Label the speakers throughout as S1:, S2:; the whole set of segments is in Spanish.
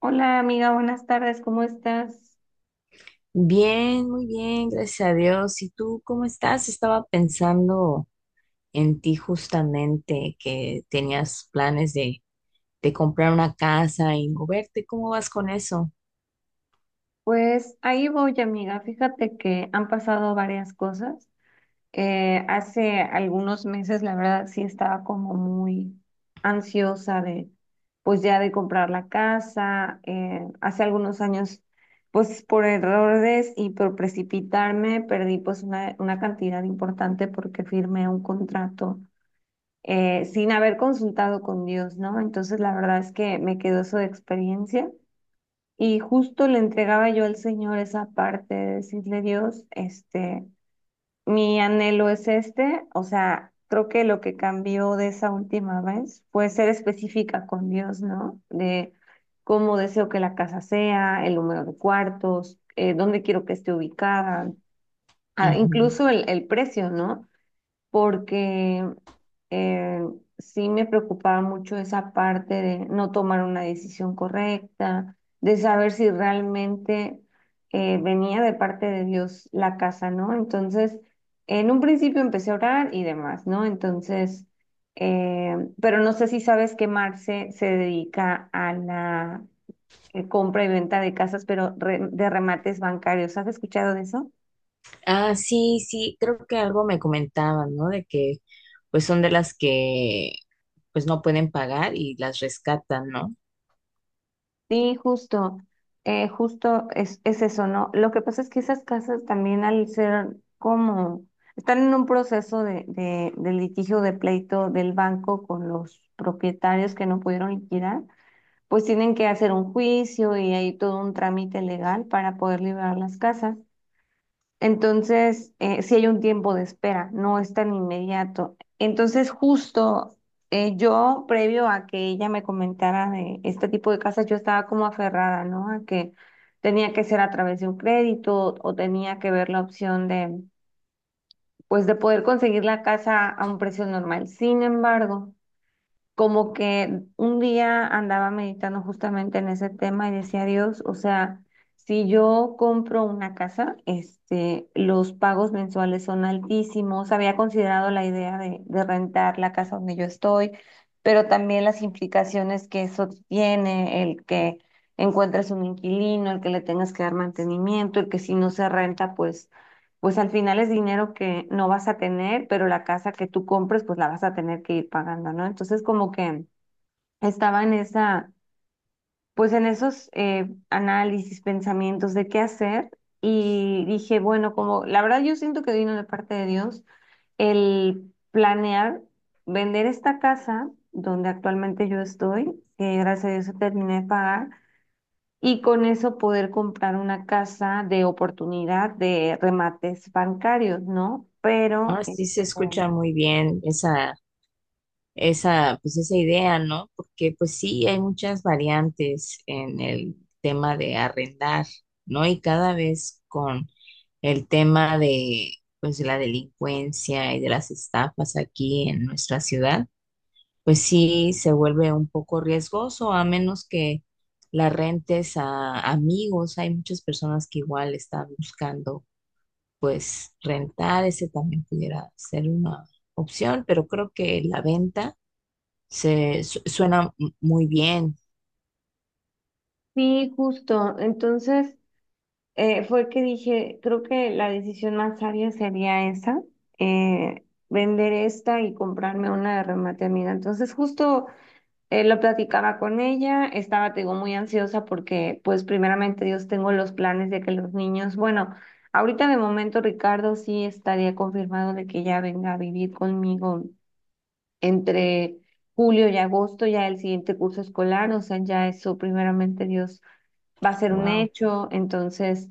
S1: Hola amiga, buenas tardes, ¿cómo estás?
S2: Bien, muy bien, gracias a Dios. ¿Y tú cómo estás? Estaba pensando en ti justamente, que tenías planes de comprar una casa y moverte. ¿Cómo vas con eso?
S1: Pues ahí voy amiga, fíjate que han pasado varias cosas. Hace algunos meses la verdad sí estaba como muy ansiosa de pues ya de comprar la casa. Hace algunos años pues por errores y por precipitarme perdí pues una cantidad importante porque firmé un contrato sin haber consultado con Dios, ¿no? Entonces la verdad es que me quedó su experiencia y justo le entregaba yo al Señor esa parte de decirle, Dios, este, mi anhelo es este, o sea, creo que lo que cambió de esa última vez fue ser específica con Dios, ¿no? De cómo deseo que la casa sea, el número de cuartos, dónde quiero que esté ubicada, ah,
S2: Ujú.
S1: incluso el precio, ¿no? Porque eh, sí me preocupaba mucho esa parte de no tomar una decisión correcta, de saber si realmente venía de parte de Dios la casa, ¿no? Entonces, en un principio empecé a orar y demás, ¿no? Entonces, pero no sé si sabes que Marce se dedica a la compra y venta de casas, pero de remates bancarios. ¿Has escuchado de eso?
S2: Ah, sí, sí, creo que algo me comentaban, ¿no? De que pues son de las que pues no pueden pagar y las rescatan, ¿no?
S1: Sí, justo, justo es eso, ¿no? Lo que pasa es que esas casas también al ser como, están en un proceso de litigio de pleito del banco con los propietarios que no pudieron liquidar, pues tienen que hacer un juicio y hay todo un trámite legal para poder liberar las casas. Entonces, sí hay un tiempo de espera, no es tan inmediato. Entonces, justo yo, previo a que ella me comentara de este tipo de casas, yo estaba como aferrada, ¿no? A que tenía que ser a través de un crédito o tenía que ver la opción de, pues, de poder conseguir la casa a un precio normal. Sin embargo, como que un día andaba meditando justamente en ese tema y decía Dios, o sea, si yo compro una casa, este, los pagos mensuales son altísimos. Había considerado la idea de rentar la casa donde yo estoy, pero también las implicaciones que eso tiene, el que encuentres un inquilino, el que le tengas que dar mantenimiento, el que si no se renta, pues pues al final es dinero que no vas a tener, pero la casa que tú compres, pues la vas a tener que ir pagando, ¿no? Entonces, como que estaba en esa, pues en esos análisis, pensamientos de qué hacer, y dije, bueno, como la verdad yo siento que vino de parte de Dios el planear vender esta casa donde actualmente yo estoy, que gracias a Dios terminé de pagar, y con eso poder comprar una casa de oportunidad de remates bancarios, ¿no? Pero
S2: Ah, sí, se escucha muy bien esa. Esa, pues esa idea, ¿no? Porque pues sí, hay muchas variantes en el tema de arrendar, ¿no? Y cada vez con el tema de, pues, de la delincuencia y de las estafas aquí en nuestra ciudad, pues sí se vuelve un poco riesgoso, a menos que la rentes a amigos. Hay muchas personas que igual están buscando, pues, rentar. Ese también pudiera ser una opción, pero creo que la venta muy bien.
S1: sí, justo. Entonces fue que dije, creo que la decisión más sabia sería esa, eh, vender esta y comprarme una de remate amiga. Entonces justo lo platicaba con ella, estaba, te digo, muy ansiosa porque, pues, primeramente Dios, tengo los planes de que los niños, bueno, ahorita de momento Ricardo sí estaría confirmado de que ya venga a vivir conmigo entre julio y agosto, ya el siguiente curso escolar, o sea, ya eso primeramente Dios va a ser un
S2: Wow.
S1: hecho. Entonces,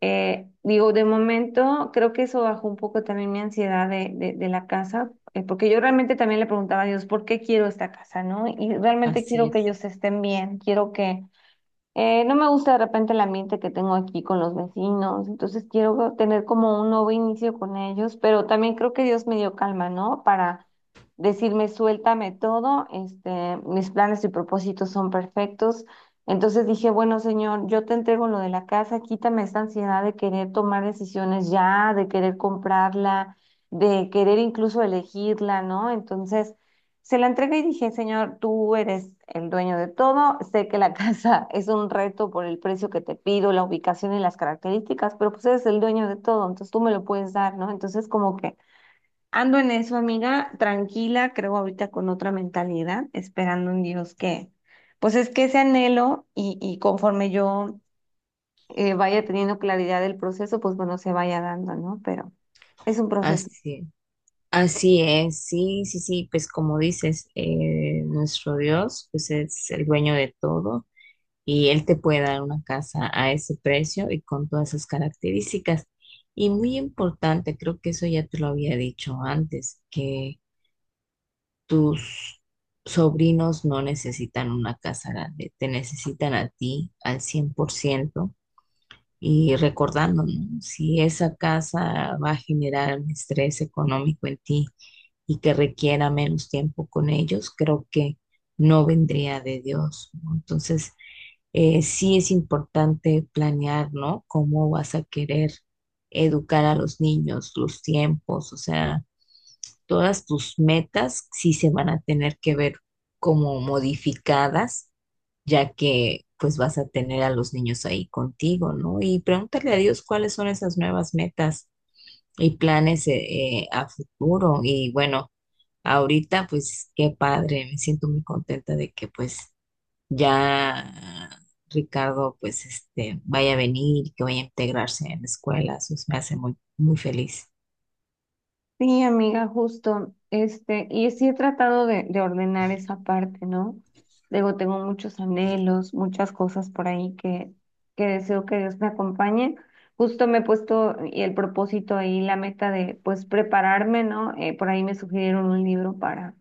S1: digo, de momento creo que eso bajó un poco también mi ansiedad de la casa, porque yo realmente también le preguntaba a Dios, ¿por qué quiero esta casa, no? Y realmente
S2: Así
S1: quiero que
S2: es.
S1: ellos estén bien, quiero que no me gusta de repente el ambiente que tengo aquí con los vecinos, entonces quiero tener como un nuevo inicio con ellos, pero también creo que Dios me dio calma, ¿no? Para decirme, suéltame todo, este, mis planes y propósitos son perfectos. Entonces dije, bueno, Señor, yo te entrego lo de la casa, quítame esta ansiedad de querer tomar decisiones ya, de querer comprarla, de querer incluso elegirla, ¿no? Entonces se la entregué y dije, señor, tú eres el dueño de todo, sé que la casa es un reto por el precio que te pido, la ubicación y las características, pero pues eres el dueño de todo, entonces tú me lo puedes dar, ¿no? Entonces como que ando en eso, amiga, tranquila, creo ahorita con otra mentalidad, esperando un Dios que, pues es que ese anhelo y conforme yo vaya teniendo claridad del proceso, pues bueno, se vaya dando, ¿no? Pero es un proceso.
S2: Así, así es. Sí, sí, sí. Pues como dices, nuestro Dios, pues es el dueño de todo y Él te puede dar una casa a ese precio y con todas esas características. Y muy importante, creo que eso ya te lo había dicho antes, que tus sobrinos no necesitan una casa grande, te necesitan a ti al 100%. Y recordando, ¿no? Si esa casa va a generar un estrés económico en ti y que requiera menos tiempo con ellos, creo que no vendría de Dios, ¿no? Entonces, sí es importante planear, ¿no? Cómo vas a querer educar a los niños, los tiempos, o sea, todas tus metas sí se van a tener que ver como modificadas ya que pues vas a tener a los niños ahí contigo, ¿no? Y pregúntale a Dios cuáles son esas nuevas metas y planes a futuro. Y bueno, ahorita pues qué padre, me siento muy contenta de que pues ya Ricardo pues este vaya a venir, que vaya a integrarse en la escuela, eso me hace muy, muy feliz.
S1: Sí, amiga, justo, este, y sí he tratado de ordenar esa parte, ¿no? Luego tengo muchos anhelos, muchas cosas por ahí que deseo que Dios me acompañe. Justo me he puesto y el propósito ahí, la meta de, pues, prepararme, ¿no? Por ahí me sugirieron un libro para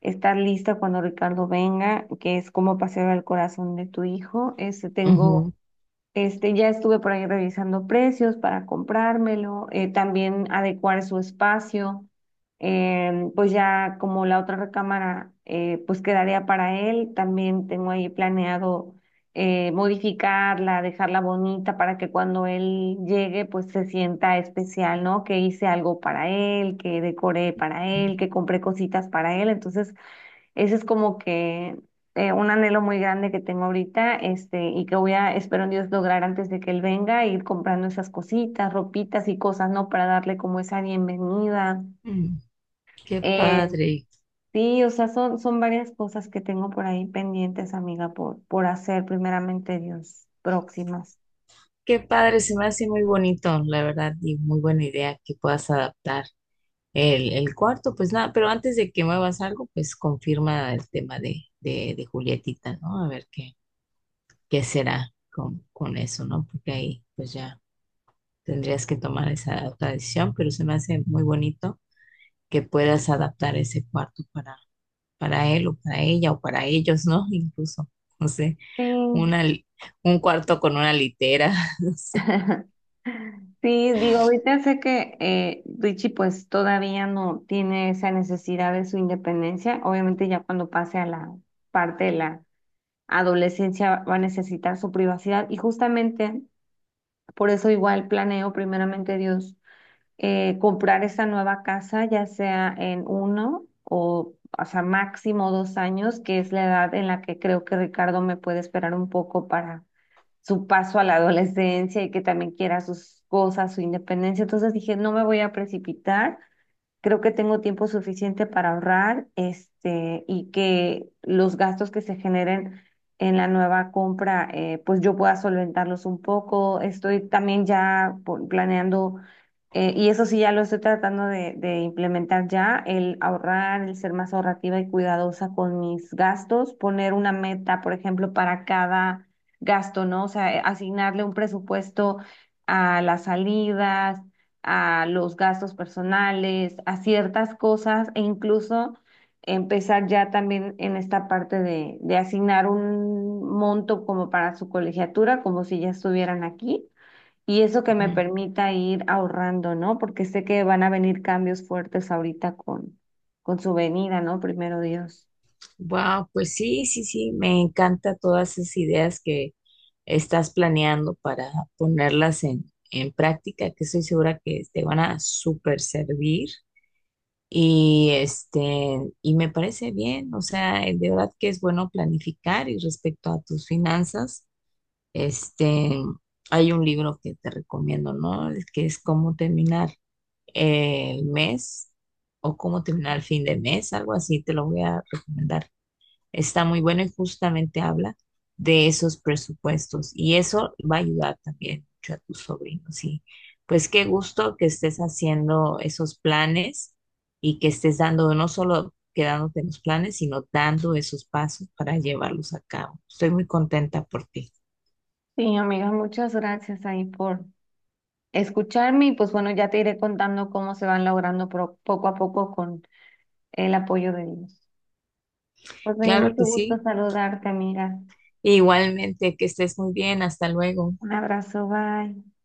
S1: estar lista cuando Ricardo venga, que es Cómo pasear al corazón de tu hijo. Este, tengo
S2: Ujú.
S1: este, ya estuve por ahí revisando precios para comprármelo, también adecuar su espacio, em, pues ya como la otra recámara pues quedaría para él, también tengo ahí planeado modificarla, dejarla bonita para que cuando él llegue pues se sienta especial, ¿no? Que hice algo para él, que decoré para él, que compré cositas para él, entonces ese es como que un anhelo muy grande que tengo ahorita, este, y que voy a, espero en Dios, lograr antes de que él venga, ir comprando esas cositas, ropitas y cosas, ¿no? Para darle como esa bienvenida.
S2: Mm, qué
S1: Eh,
S2: padre,
S1: sí, o sea, son, son varias cosas que tengo por ahí pendientes, amiga, por hacer primeramente Dios, próximas.
S2: qué padre, se me hace muy bonito, la verdad, y muy buena idea que puedas adaptar. El cuarto, pues nada, pero antes de que muevas algo, pues confirma el tema de Julietita, ¿no? A ver qué, qué será con eso, ¿no? Porque ahí pues ya tendrías que tomar esa otra decisión, pero se me hace muy bonito que puedas adaptar ese cuarto para él o para ella o para ellos, ¿no? Incluso, no sé,
S1: Sí.
S2: una, un cuarto con una litera, no sé.
S1: Sí, digo, ahorita sé que Richie pues todavía no tiene esa necesidad de su independencia. Obviamente ya cuando pase a la parte de la adolescencia va a necesitar su privacidad y justamente por eso igual planeo primeramente Dios comprar esa nueva casa, ya sea en uno o sea, máximo 2 años, que es la edad en la que creo que Ricardo me puede esperar un poco para su paso a la adolescencia y que también quiera sus cosas, su independencia. Entonces dije, no me voy a precipitar. Creo que tengo tiempo suficiente para ahorrar, este, y que los gastos que se generen en la nueva compra, pues yo pueda solventarlos un poco. Estoy también ya planeando, y eso sí ya lo estoy tratando de implementar ya, el ahorrar, el ser más ahorrativa y cuidadosa con mis gastos, poner una meta, por ejemplo, para cada gasto, ¿no? O sea, asignarle un presupuesto a las salidas a los gastos personales, a ciertas cosas e incluso empezar ya también en esta parte de asignar un monto como para su colegiatura, como si ya estuvieran aquí. Y eso que me permita ir ahorrando, ¿no? Porque sé que van a venir cambios fuertes ahorita con su venida, ¿no? Primero Dios.
S2: Wow, pues sí, sí, sí, me encanta todas esas ideas que estás planeando para ponerlas en práctica, que estoy segura que te van a súper servir. Y este, y me parece bien, o sea, de verdad que es bueno planificar y respecto a tus finanzas, este, hay un libro que te recomiendo, ¿no? El que es cómo terminar el mes o cómo terminar el fin de mes, algo así, te lo voy a recomendar. Está muy bueno y justamente habla de esos presupuestos y eso va a ayudar también mucho a tus sobrinos. Y pues qué gusto que estés haciendo esos planes y que estés dando, no solo quedándote en los planes, sino dando esos pasos para llevarlos a cabo. Estoy muy contenta por ti.
S1: Sí, amiga, muchas gracias ahí por escucharme y pues bueno, ya te iré contando cómo se van logrando poco a poco con el apoyo de Dios. Pues me dio
S2: Claro
S1: mucho
S2: que
S1: gusto
S2: sí.
S1: saludarte, amiga.
S2: Igualmente, que estés muy bien. Hasta luego.
S1: Un abrazo, bye.